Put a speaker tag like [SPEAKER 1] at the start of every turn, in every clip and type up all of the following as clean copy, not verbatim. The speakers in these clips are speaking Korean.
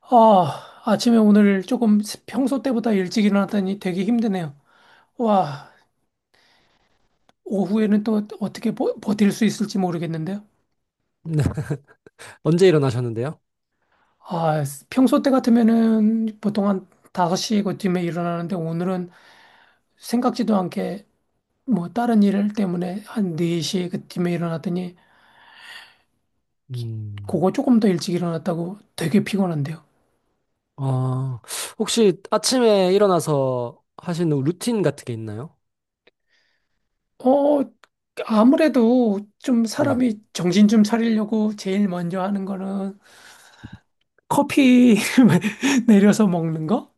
[SPEAKER 1] 아, 아침에 오늘 조금 평소 때보다 일찍 일어났더니 되게 힘드네요. 와, 오후에는 또 어떻게 버틸 수 있을지 모르겠는데요.
[SPEAKER 2] 네. 언제 일어나셨는데요?
[SPEAKER 1] 아, 평소 때 같으면은 보통 한 5시 그쯤에 일어나는데 오늘은 생각지도 않게 뭐 다른 일 때문에 한 4시 그쯤에 일어났더니
[SPEAKER 2] 음.
[SPEAKER 1] 그거 조금 더 일찍 일어났다고 되게 피곤한데요.
[SPEAKER 2] 아, 혹시 아침에 일어나서 하시는 루틴 같은 게 있나요?
[SPEAKER 1] 어, 아무래도 좀
[SPEAKER 2] 네.
[SPEAKER 1] 사람이 정신 좀 차리려고 제일 먼저 하는 거는 커피 내려서 먹는 거?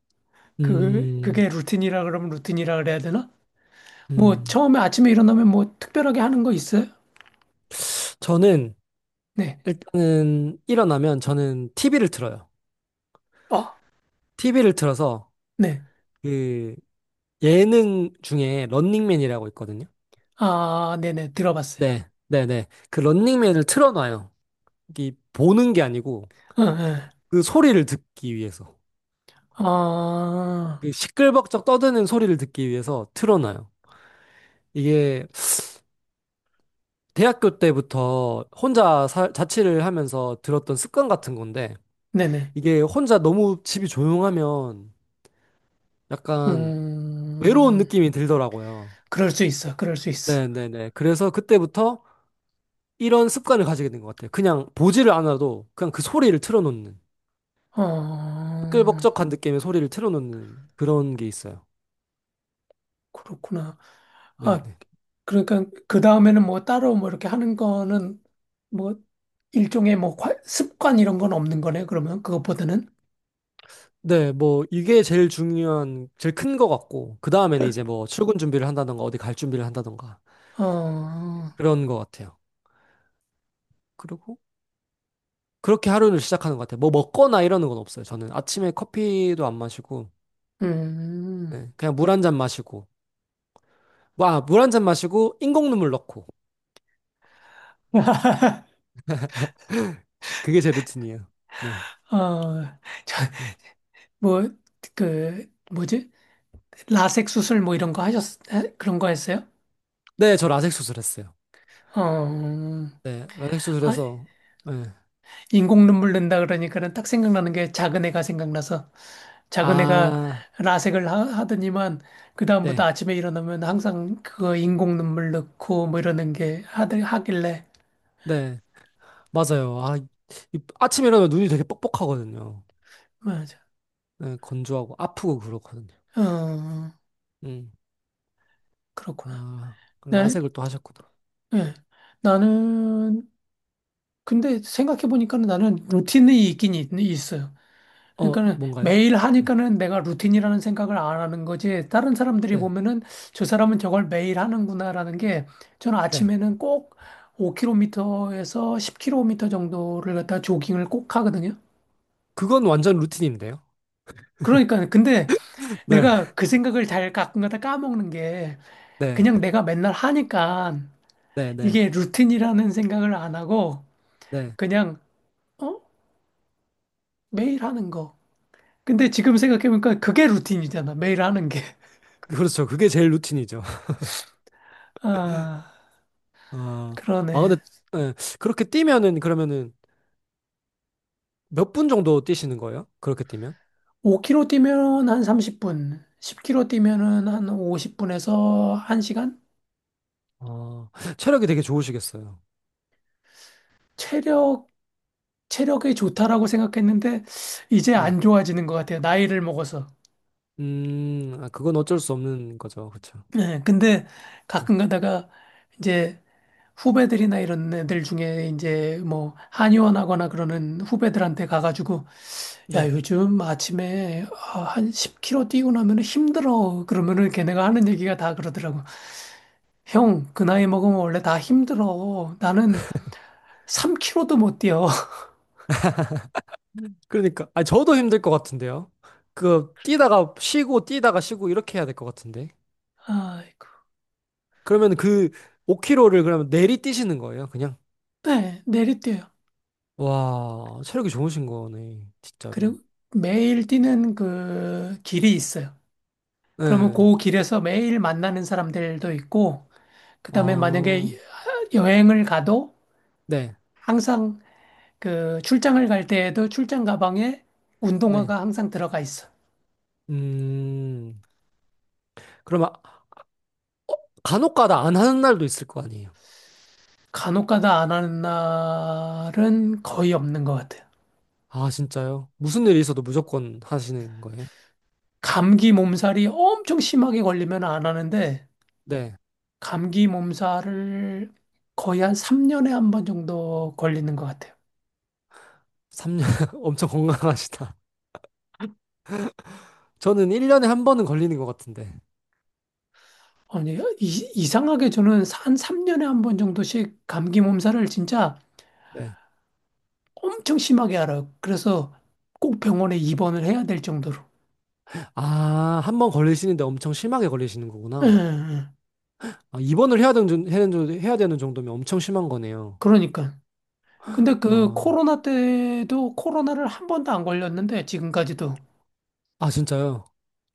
[SPEAKER 1] 그,
[SPEAKER 2] 음,
[SPEAKER 1] 그게 루틴이라 그러면 루틴이라 그래야 되나? 뭐,
[SPEAKER 2] 음.
[SPEAKER 1] 처음에 아침에 일어나면 뭐, 특별하게 하는 거 있어요?
[SPEAKER 2] 저는
[SPEAKER 1] 네.
[SPEAKER 2] 일단은 일어나면 저는 TV를 틀어요.
[SPEAKER 1] 어,
[SPEAKER 2] TV를 틀어서
[SPEAKER 1] 네.
[SPEAKER 2] 그 예능 중에 런닝맨이라고 있거든요.
[SPEAKER 1] 아, 네네. 들어봤어요.
[SPEAKER 2] 네, 네, 네. 그 런닝맨을 틀어놔요. 이 보는 게 아니고
[SPEAKER 1] 응, 응.
[SPEAKER 2] 그 소리를 듣기 위해서.
[SPEAKER 1] 아,
[SPEAKER 2] 그 시끌벅적 떠드는 소리를 듣기 위해서 틀어놔요. 이게 대학교 때부터 혼자 살 자취를 하면서 들었던 습관 같은 건데,
[SPEAKER 1] 네네.
[SPEAKER 2] 이게 혼자 너무 집이 조용하면 약간 외로운
[SPEAKER 1] 음,
[SPEAKER 2] 느낌이 들더라고요.
[SPEAKER 1] 그럴 수 있어. 그럴 수 있어.
[SPEAKER 2] 네네네. 그래서 그때부터 이런 습관을 가지게 된 것 같아요. 그냥 보지를 않아도 그냥 그 소리를 틀어놓는,
[SPEAKER 1] 어,
[SPEAKER 2] 시끌벅적한 느낌의 소리를 틀어놓는 그런 게 있어요.
[SPEAKER 1] 그렇구나. 아,
[SPEAKER 2] 네네.
[SPEAKER 1] 그러니까, 그 다음에는 뭐, 따로 뭐, 이렇게 하는 거는 뭐, 일종의 뭐, 습관 이런 건 없는 거네, 그러면. 그것보다는.
[SPEAKER 2] 네, 뭐, 이게 제일 중요한, 제일 큰 것 같고, 그 다음에는 이제 뭐, 출근 준비를 한다던가, 어디 갈 준비를 한다던가,
[SPEAKER 1] 어, 어,
[SPEAKER 2] 그런 것 같아요. 그리고 그렇게 하루를 시작하는 것 같아요. 뭐 먹거나 이러는 건 없어요. 저는 아침에 커피도 안 마시고,
[SPEAKER 1] 음,
[SPEAKER 2] 네, 그냥 물 한 잔 마시고, 뭐, 아, 물 한 잔 마시고, 인공눈물 넣고. 그게 제 루틴이에요. 네.
[SPEAKER 1] 어, 저,
[SPEAKER 2] 네,
[SPEAKER 1] 뭐, 그, 뭐지? 라섹 수술 뭐 이런 거 하셨, 에? 그런 거 했어요?
[SPEAKER 2] 네, 저 라섹 수술했어요.
[SPEAKER 1] 어,
[SPEAKER 2] 네, 라섹
[SPEAKER 1] 아,
[SPEAKER 2] 수술해서, 네.
[SPEAKER 1] 인공 눈물 낸다 그러니까는 딱 생각나는 게 작은 애가 생각나서 작은 애가
[SPEAKER 2] 아,
[SPEAKER 1] 라섹을 하더니만 그다음부터
[SPEAKER 2] 네,
[SPEAKER 1] 아침에 일어나면 항상 그거 인공 눈물 넣고 뭐 이러는 게 하길래,
[SPEAKER 2] 네, 맞아요. 아, 아침에 일어나면 눈이 되게 뻑뻑하거든요.
[SPEAKER 1] 맞아.
[SPEAKER 2] 네, 건조하고 아프고 그렇거든요.
[SPEAKER 1] 어,
[SPEAKER 2] 음,
[SPEAKER 1] 그렇구나.
[SPEAKER 2] 아, 그
[SPEAKER 1] 나,
[SPEAKER 2] 라섹을 또 하셨구나.
[SPEAKER 1] 예. 나는 근데 생각해보니까는 나는 루틴이 있긴 있어요.
[SPEAKER 2] 어,
[SPEAKER 1] 그러니까는
[SPEAKER 2] 뭔가요?
[SPEAKER 1] 매일
[SPEAKER 2] 네,
[SPEAKER 1] 하니까는 내가 루틴이라는 생각을 안 하는 거지. 다른 사람들이
[SPEAKER 2] 네,
[SPEAKER 1] 보면은 저 사람은 저걸 매일 하는구나라는 게 저는
[SPEAKER 2] 네.
[SPEAKER 1] 아침에는 꼭 5km에서 10km 정도를 갖다 조깅을 꼭 하거든요.
[SPEAKER 2] 그건 완전 루틴인데요.
[SPEAKER 1] 그러니까 근데
[SPEAKER 2] 네.
[SPEAKER 1] 내가 그 생각을 잘 가끔가다 까먹는 게
[SPEAKER 2] 네.
[SPEAKER 1] 그냥 내가 맨날 하니까
[SPEAKER 2] 네네.
[SPEAKER 1] 이게 루틴이라는 생각을 안 하고
[SPEAKER 2] 네. 네.
[SPEAKER 1] 그냥 어? 매일 하는 거. 근데 지금 생각해보니까 그게 루틴이잖아. 매일 하는 게.
[SPEAKER 2] 그렇죠. 그게 제일 루틴이죠.
[SPEAKER 1] 아,
[SPEAKER 2] 아, 아,
[SPEAKER 1] 그러네.
[SPEAKER 2] 근데, 예, 그렇게 뛰면은, 그러면은, 몇 분 정도 뛰시는 거예요? 그렇게 뛰면?
[SPEAKER 1] 5km 뛰면 한 30분, 10km 뛰면은 한 50분에서 1시간?
[SPEAKER 2] 어, 체력이 되게 좋으시겠어요.
[SPEAKER 1] 체력, 체력이 좋다라고 생각했는데, 이제
[SPEAKER 2] 네.
[SPEAKER 1] 안 좋아지는 것 같아요. 나이를 먹어서.
[SPEAKER 2] 아, 그건 어쩔 수 없는 거죠. 그렇죠.
[SPEAKER 1] 네, 근데
[SPEAKER 2] 네.
[SPEAKER 1] 가끔 가다가 이제 후배들이나 이런 애들 중에 이제 뭐 한의원 하거나 그러는 후배들한테 가가지고 야,
[SPEAKER 2] 네.
[SPEAKER 1] 요즘 아침에 아, 한 10km 뛰고 나면 힘들어. 그러면은 걔네가 하는 얘기가 다 그러더라고. 형, 그 나이 먹으면 원래 다 힘들어. 나는 3 k 로도못 뛰어.
[SPEAKER 2] 그러니까, 아, 저도 힘들 것 같은데요. 그, 뛰다가 쉬고, 뛰다가 쉬고, 이렇게 해야 될 것 같은데.
[SPEAKER 1] 아이고.
[SPEAKER 2] 그러면 그, 5km를 그러면 내리 뛰시는 거예요, 그냥?
[SPEAKER 1] 네, 내리뛰어요.
[SPEAKER 2] 와, 체력이 좋으신 거네, 진짜로.
[SPEAKER 1] 그리고 매일 뛰는 그 길이 있어요. 그러면
[SPEAKER 2] 네.
[SPEAKER 1] 그 길에서 매일 만나는 사람들도 있고, 그다음에
[SPEAKER 2] 아,
[SPEAKER 1] 만약에 여행을 가도
[SPEAKER 2] 네.
[SPEAKER 1] 항상 그 출장을 갈 때에도 출장 가방에
[SPEAKER 2] 네.
[SPEAKER 1] 운동화가 항상 들어가 있어.
[SPEAKER 2] 음, 그럼 간혹가다 안 하는 날도 있을 거 아니에요?
[SPEAKER 1] 간혹가다 안 하는 날은 거의 없는 것 같아요.
[SPEAKER 2] 아, 진짜요? 무슨 일이 있어도 무조건 하시는 거예요?
[SPEAKER 1] 감기 몸살이 엄청 심하게 걸리면 안 하는데,
[SPEAKER 2] 네.
[SPEAKER 1] 감기 몸살을 거의 한 3년에 한 번 정도 걸리는 것 같아요.
[SPEAKER 2] 3년 엄청 건강하시다. 저는 1년에 한 번은 걸리는 것 같은데.
[SPEAKER 1] 아니, 이상하게 저는 한 3년에 한 번 정도씩 감기 몸살을 진짜
[SPEAKER 2] 네.
[SPEAKER 1] 엄청 심하게 알아요. 그래서 꼭 병원에 입원을 해야 될 정도로.
[SPEAKER 2] 아, 한 번 걸리시는데 엄청 심하게 걸리시는
[SPEAKER 1] 예, 예.
[SPEAKER 2] 거구나.
[SPEAKER 1] 예.
[SPEAKER 2] 아, 입원을 해야 되는, 해야 되는 해야 되는 정도면 엄청 심한 거네요.
[SPEAKER 1] 그러니까. 근데 그
[SPEAKER 2] 어,
[SPEAKER 1] 코로나 때도 코로나를 한 번도 안 걸렸는데, 지금까지도.
[SPEAKER 2] 아, 진짜요?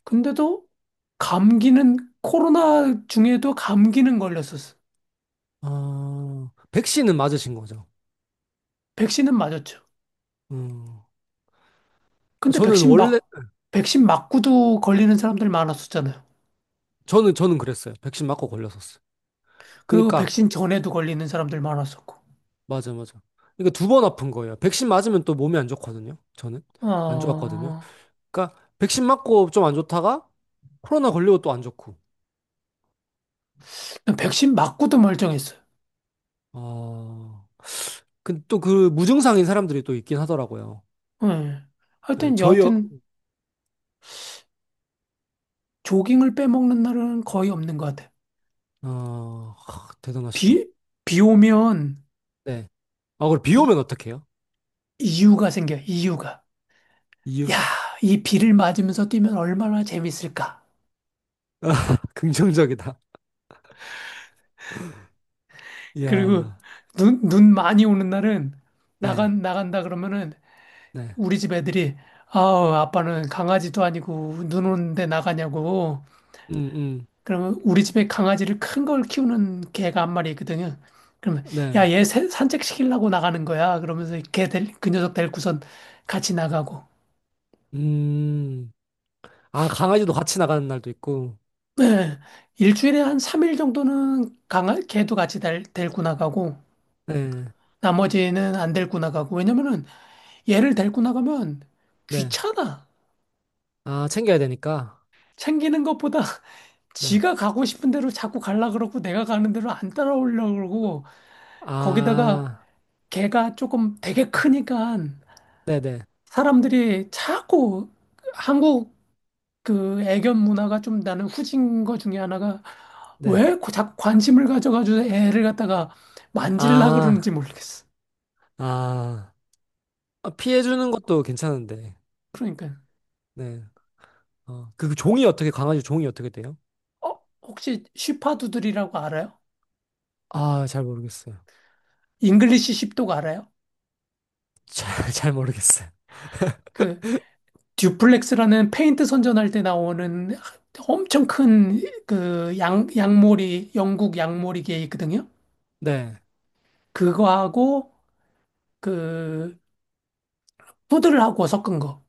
[SPEAKER 1] 근데도 감기는 코로나 중에도 감기는 걸렸었어.
[SPEAKER 2] 아, 백신은 맞으신 거죠?
[SPEAKER 1] 백신은 맞았죠.
[SPEAKER 2] 음,
[SPEAKER 1] 근데
[SPEAKER 2] 저는
[SPEAKER 1] 백신
[SPEAKER 2] 원래,
[SPEAKER 1] 막 백신 맞고도 걸리는 사람들 많았었잖아요.
[SPEAKER 2] 저는, 저는 그랬어요. 백신 맞고 걸렸었어요.
[SPEAKER 1] 그리고
[SPEAKER 2] 그러니까
[SPEAKER 1] 백신 전에도 걸리는 사람들 많았었고.
[SPEAKER 2] 맞아, 맞아. 그러니까 두 번 아픈 거예요. 백신 맞으면 또 몸이 안 좋거든요. 저는 안 좋았거든요.
[SPEAKER 1] 아,
[SPEAKER 2] 그러니까 백신 맞고 좀 안 좋다가 코로나 걸리고 또 안 좋고.
[SPEAKER 1] 백신 맞고도 멀쩡했어요.
[SPEAKER 2] 어, 근데 또 그 무증상인 사람들이 또 있긴 하더라고요.
[SPEAKER 1] 예.
[SPEAKER 2] 네,
[SPEAKER 1] 하여튼
[SPEAKER 2] 저희 어,
[SPEAKER 1] 여하튼 조깅을 빼먹는 날은 거의 없는 것 같아.
[SPEAKER 2] 어, 하, 대단하시다.
[SPEAKER 1] 비, 비 오면
[SPEAKER 2] 네. 아, 그럼 비
[SPEAKER 1] 이,
[SPEAKER 2] 오면 어떡해요?
[SPEAKER 1] 이유가 생겨. 이유가.
[SPEAKER 2] 이유.
[SPEAKER 1] 야, 이 비를 맞으면서 뛰면 얼마나 재밌을까?
[SPEAKER 2] 아, 긍정적이다.
[SPEAKER 1] 그리고
[SPEAKER 2] 이야.
[SPEAKER 1] 눈 많이 오는 날은
[SPEAKER 2] 네.
[SPEAKER 1] 나간다 그러면은
[SPEAKER 2] 네.
[SPEAKER 1] 우리 집 애들이 아우, 아빠는 강아지도 아니고 눈 오는데 나가냐고.
[SPEAKER 2] 음, 음.
[SPEAKER 1] 그러면 우리 집에 강아지를 큰 걸 키우는 개가 한 마리 있거든요. 그러면
[SPEAKER 2] 네.
[SPEAKER 1] 야, 얘 산책시키려고 나가는 거야. 그러면서 그 녀석 데리고선 같이 나가고.
[SPEAKER 2] 음. 아, 강아지도 같이 나가는 날도 있고.
[SPEAKER 1] 네, 일주일에 한 3일 정도는 걔도 같이 데리고 나가고
[SPEAKER 2] 네.
[SPEAKER 1] 나머지는 안 데리고 나가고. 왜냐면은 얘를 데리고 나가면
[SPEAKER 2] 네.
[SPEAKER 1] 귀찮아.
[SPEAKER 2] 아, 챙겨야 되니까.
[SPEAKER 1] 챙기는 것보다
[SPEAKER 2] 네.
[SPEAKER 1] 지가 가고 싶은 대로 자꾸 갈라 그러고 내가 가는 대로 안 따라오려고 그러고 거기다가
[SPEAKER 2] 아,
[SPEAKER 1] 걔가 조금 되게 크니까
[SPEAKER 2] 네네.
[SPEAKER 1] 사람들이 자꾸 한국 그 애견 문화가 좀 나는 후진 거 중에 하나가
[SPEAKER 2] 네.
[SPEAKER 1] 왜 자꾸 관심을 가져가지고 애를 갖다가 만질라
[SPEAKER 2] 아,
[SPEAKER 1] 그러는지 모르겠어.
[SPEAKER 2] 아. 아, 피해주는 것도 괜찮은데.
[SPEAKER 1] 그러니까
[SPEAKER 2] 네. 어, 그 종이 어떻게, 강아지 종이 어떻게 돼요?
[SPEAKER 1] 어 혹시 쉬파두들이라고 알아요?
[SPEAKER 2] 아, 잘 모르겠어요.
[SPEAKER 1] 잉글리시 쉽도그 알아요?
[SPEAKER 2] 잘, 잘 모르겠어요.
[SPEAKER 1] 그 듀플렉스라는 페인트 선전할 때 나오는 엄청 큰 그 영국 양모리개 있거든요.
[SPEAKER 2] 네.
[SPEAKER 1] 그거하고 그 푸들을 하고 섞은 거.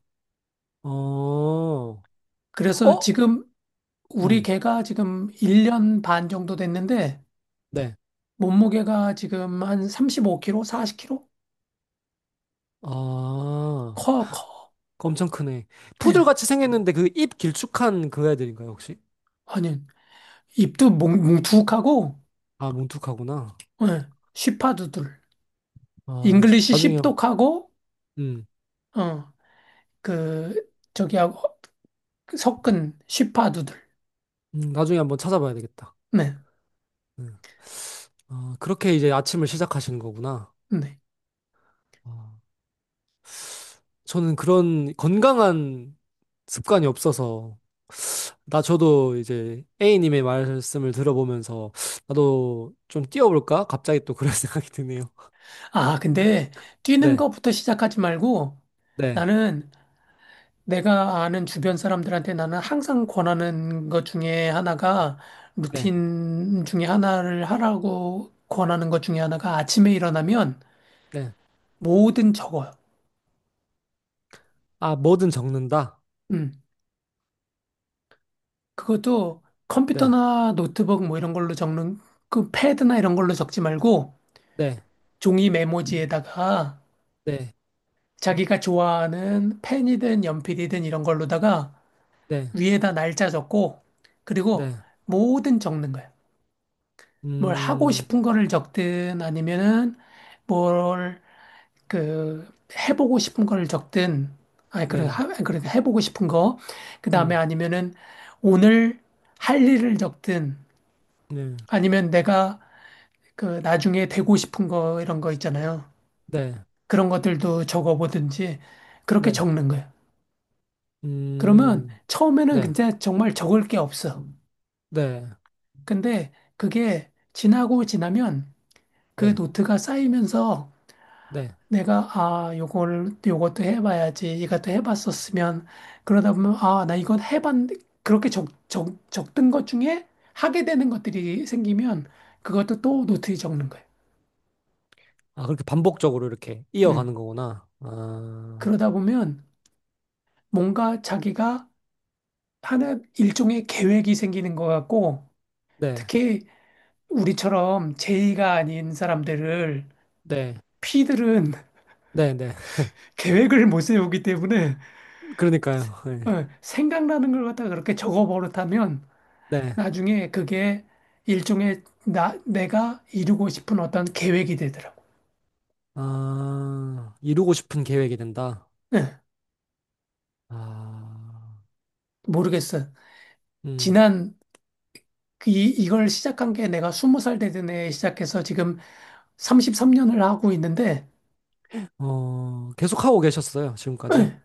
[SPEAKER 2] 어, 어?
[SPEAKER 1] 그래서 지금 우리
[SPEAKER 2] 음,
[SPEAKER 1] 개가 지금 1년 반 정도 됐는데
[SPEAKER 2] 네.
[SPEAKER 1] 몸무게가 지금 한 35kg, 40kg?
[SPEAKER 2] 아,
[SPEAKER 1] 커, 커.
[SPEAKER 2] 엄청 크네.
[SPEAKER 1] 예.
[SPEAKER 2] 푸들같이 생겼는데 그 입 길쭉한 그 애들인가요, 혹시?
[SPEAKER 1] 아니, 입도 뭉툭하고,
[SPEAKER 2] 아, 뭉툭하구나.
[SPEAKER 1] 예. 쉬파두들.
[SPEAKER 2] 아,
[SPEAKER 1] 잉글리시
[SPEAKER 2] 나중에,
[SPEAKER 1] 십독하고,
[SPEAKER 2] 음,
[SPEAKER 1] 어, 그, 저기하고, 섞은 시파두들.
[SPEAKER 2] 나중에 한번 찾아봐야 되겠다.
[SPEAKER 1] 네.
[SPEAKER 2] 네. 아, 그렇게 이제 아침을 시작하시는 거구나.
[SPEAKER 1] 네.
[SPEAKER 2] 아, 저는 그런 건강한 습관이 없어서 나 저도 이제 A님의 말씀을 들어보면서 나도 좀 뛰어볼까? 갑자기 또 그런 생각이 드네요.
[SPEAKER 1] 아, 근데 뛰는
[SPEAKER 2] 네,
[SPEAKER 1] 거부터 시작하지 말고
[SPEAKER 2] 네,
[SPEAKER 1] 나는 내가 아는 주변 사람들한테 나는 항상 권하는 것 중에 하나가
[SPEAKER 2] 네,
[SPEAKER 1] 루틴 중에 하나를 하라고 권하는 것 중에 하나가 아침에 일어나면
[SPEAKER 2] 네.
[SPEAKER 1] 뭐든 적어요.
[SPEAKER 2] 아, 뭐든 적는다.
[SPEAKER 1] 음. 그것도
[SPEAKER 2] 네,
[SPEAKER 1] 컴퓨터나 노트북 뭐 이런 걸로 적는 그 패드나 이런 걸로 적지 말고
[SPEAKER 2] 네,
[SPEAKER 1] 종이 메모지에다가
[SPEAKER 2] 네,
[SPEAKER 1] 자기가 좋아하는 펜이든 연필이든 이런 걸로다가
[SPEAKER 2] 네,
[SPEAKER 1] 위에다 날짜 적고 그리고
[SPEAKER 2] 네.
[SPEAKER 1] 뭐든 적는 거예요. 뭘 하고
[SPEAKER 2] 음,
[SPEAKER 1] 싶은 거를 적든 아니면은 뭘 그 해보고 싶은 거를 적든 아니 그런
[SPEAKER 2] 네,
[SPEAKER 1] 하 그런 해보고 싶은 거 그다음에
[SPEAKER 2] 음,
[SPEAKER 1] 아니면은 오늘 할 일을 적든
[SPEAKER 2] 네,
[SPEAKER 1] 아니면 내가 그 나중에 되고 싶은 거 이런 거 있잖아요.
[SPEAKER 2] 네,
[SPEAKER 1] 그런 것들도 적어보든지 그렇게
[SPEAKER 2] 네,
[SPEAKER 1] 적는 거예요. 그러면
[SPEAKER 2] 음,
[SPEAKER 1] 처음에는
[SPEAKER 2] 네,
[SPEAKER 1] 진짜 정말 적을 게 없어.
[SPEAKER 2] 네,
[SPEAKER 1] 근데 그게 지나고 지나면 그
[SPEAKER 2] 네,
[SPEAKER 1] 노트가 쌓이면서
[SPEAKER 2] 네.
[SPEAKER 1] 내가 아, 요걸 요것도 해봐야지. 이것도 해봤었으면 그러다 보면 아, 나 이건 해봤 그렇게 적던 것 중에 하게 되는 것들이 생기면 그것도 또 노트에 적는 거예요.
[SPEAKER 2] 아, 그렇게 반복적으로 이렇게 이어가는
[SPEAKER 1] 음.
[SPEAKER 2] 거구나. 아,
[SPEAKER 1] 그러다 보면 뭔가 자기가 하는 일종의 계획이 생기는 것 같고
[SPEAKER 2] 네.
[SPEAKER 1] 특히 우리처럼 제의가 아닌 사람들을
[SPEAKER 2] 네.
[SPEAKER 1] P들은
[SPEAKER 2] 네네.
[SPEAKER 1] 계획을 못 세우기 때문에
[SPEAKER 2] 그러니까요. 네.
[SPEAKER 1] 어, 생각나는 걸 갖다가 그렇게 적어 버릇하면
[SPEAKER 2] 네.
[SPEAKER 1] 나중에 그게 일종의 내가 이루고 싶은 어떤 계획이 되더라고.
[SPEAKER 2] 아, 이루고 싶은 계획이 된다.
[SPEAKER 1] 예,
[SPEAKER 2] 아,
[SPEAKER 1] 모르겠어.
[SPEAKER 2] 음,
[SPEAKER 1] 지난 그 이걸 시작한 게 내가 스무 살 되던 해에 시작해서 지금 33년을 하고 있는데
[SPEAKER 2] 어, 계속 하고 계셨어요, 지금까지.
[SPEAKER 1] 예,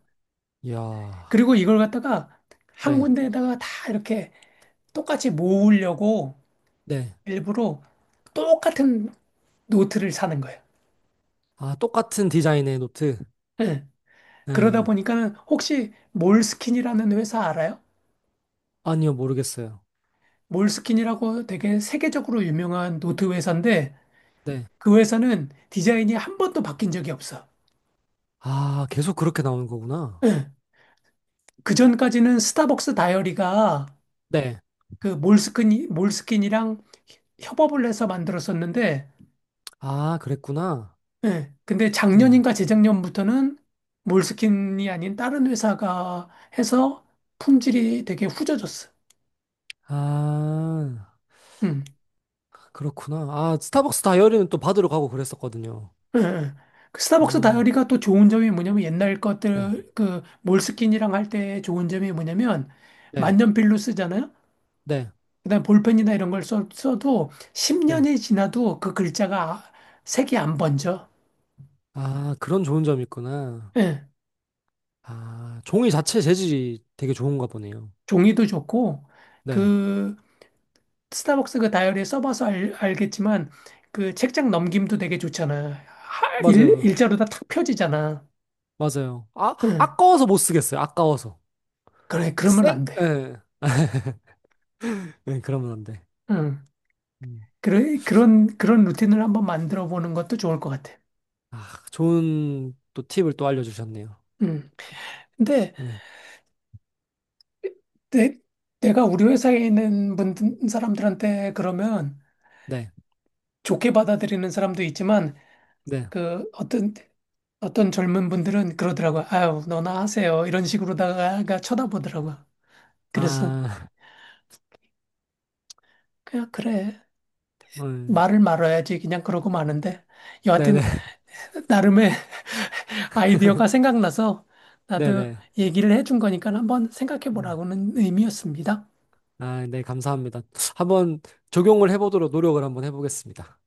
[SPEAKER 2] 이야,
[SPEAKER 1] 그리고 이걸 갖다가 한
[SPEAKER 2] 네,
[SPEAKER 1] 군데에다가 다 이렇게 똑같이 모으려고
[SPEAKER 2] 네.
[SPEAKER 1] 일부러 똑같은 노트를 사는 거예요.
[SPEAKER 2] 아, 똑같은 디자인의 노트.
[SPEAKER 1] 네,
[SPEAKER 2] 네.
[SPEAKER 1] 그러다 보니까는 혹시 몰스킨이라는 회사 알아요?
[SPEAKER 2] 아니요, 모르겠어요.
[SPEAKER 1] 몰스킨이라고 되게 세계적으로 유명한 노트 회사인데
[SPEAKER 2] 네.
[SPEAKER 1] 그 회사는 디자인이 한 번도 바뀐 적이 없어.
[SPEAKER 2] 아, 계속 그렇게 나오는 거구나.
[SPEAKER 1] 예. 그전까지는 스타벅스 다이어리가
[SPEAKER 2] 네.
[SPEAKER 1] 그 몰스킨이랑 협업을 해서 만들었었는데
[SPEAKER 2] 아, 그랬구나.
[SPEAKER 1] 예. 근데
[SPEAKER 2] 네.
[SPEAKER 1] 작년인가 재작년부터는 몰스킨이 아닌 다른 회사가 해서 품질이 되게 후져졌어.
[SPEAKER 2] 아,
[SPEAKER 1] 음.
[SPEAKER 2] 그렇구나. 아, 스타벅스 다이어리는 또 받으러 가고 그랬었거든요.
[SPEAKER 1] 예, 예. 그 스타벅스
[SPEAKER 2] 아,
[SPEAKER 1] 다이어리가 또 좋은 점이 뭐냐면 옛날
[SPEAKER 2] 네,
[SPEAKER 1] 것들 그 몰스킨이랑 할 때 좋은 점이 뭐냐면
[SPEAKER 2] 네,
[SPEAKER 1] 만년필로 쓰잖아요.
[SPEAKER 2] 네.
[SPEAKER 1] 그다음 볼펜이나 이런 걸 써, 도
[SPEAKER 2] 네.
[SPEAKER 1] 10년이 지나도 그 글자가 색이 안 번져.
[SPEAKER 2] 아, 그런 좋은 점이 있구나.
[SPEAKER 1] 예.
[SPEAKER 2] 아, 종이 자체 재질이 되게 좋은가 보네요.
[SPEAKER 1] 종이도 좋고
[SPEAKER 2] 네,
[SPEAKER 1] 그 스타벅스 그 다이어리 써봐서 알겠지만 그 책장 넘김도 되게 좋잖아. 일,
[SPEAKER 2] 맞아요.
[SPEAKER 1] 일자로 다 탁 펴지잖아.
[SPEAKER 2] 맞아요. 아,
[SPEAKER 1] 응.
[SPEAKER 2] 아까워서 못 쓰겠어요. 아까워서.
[SPEAKER 1] 그래 그러면
[SPEAKER 2] 쌩?
[SPEAKER 1] 안 돼.
[SPEAKER 2] 예. 네, 그러면 안 돼.
[SPEAKER 1] 응.
[SPEAKER 2] 음.
[SPEAKER 1] 그런 루틴을 한번 만들어 보는 것도 좋을 것 같아.
[SPEAKER 2] 아, 좋은 또 팁을 또 알려주셨네요.
[SPEAKER 1] 음. 근데
[SPEAKER 2] 네,
[SPEAKER 1] 내, 내가 우리 회사에 있는 사람들한테 그러면
[SPEAKER 2] 네,
[SPEAKER 1] 좋게 받아들이는 사람도 있지만,
[SPEAKER 2] 네.
[SPEAKER 1] 그, 어떤 젊은 분들은 그러더라고요. 아유, 너나 하세요. 이런 식으로다가 쳐다보더라고요. 그래서,
[SPEAKER 2] 아,
[SPEAKER 1] 그냥 그래.
[SPEAKER 2] 음,
[SPEAKER 1] 말을 말아야지. 그냥 그러고 마는데.
[SPEAKER 2] 네네,
[SPEAKER 1] 여하튼, 나름의 아이디어가 생각나서 나도
[SPEAKER 2] 네네,
[SPEAKER 1] 얘기를 해준 거니까 한번 생각해
[SPEAKER 2] 네. 네. 네.
[SPEAKER 1] 보라고는 의미였습니다.
[SPEAKER 2] 아, 네, 감사합니다. 한번 적용을 해보도록 노력을 한번 해보겠습니다.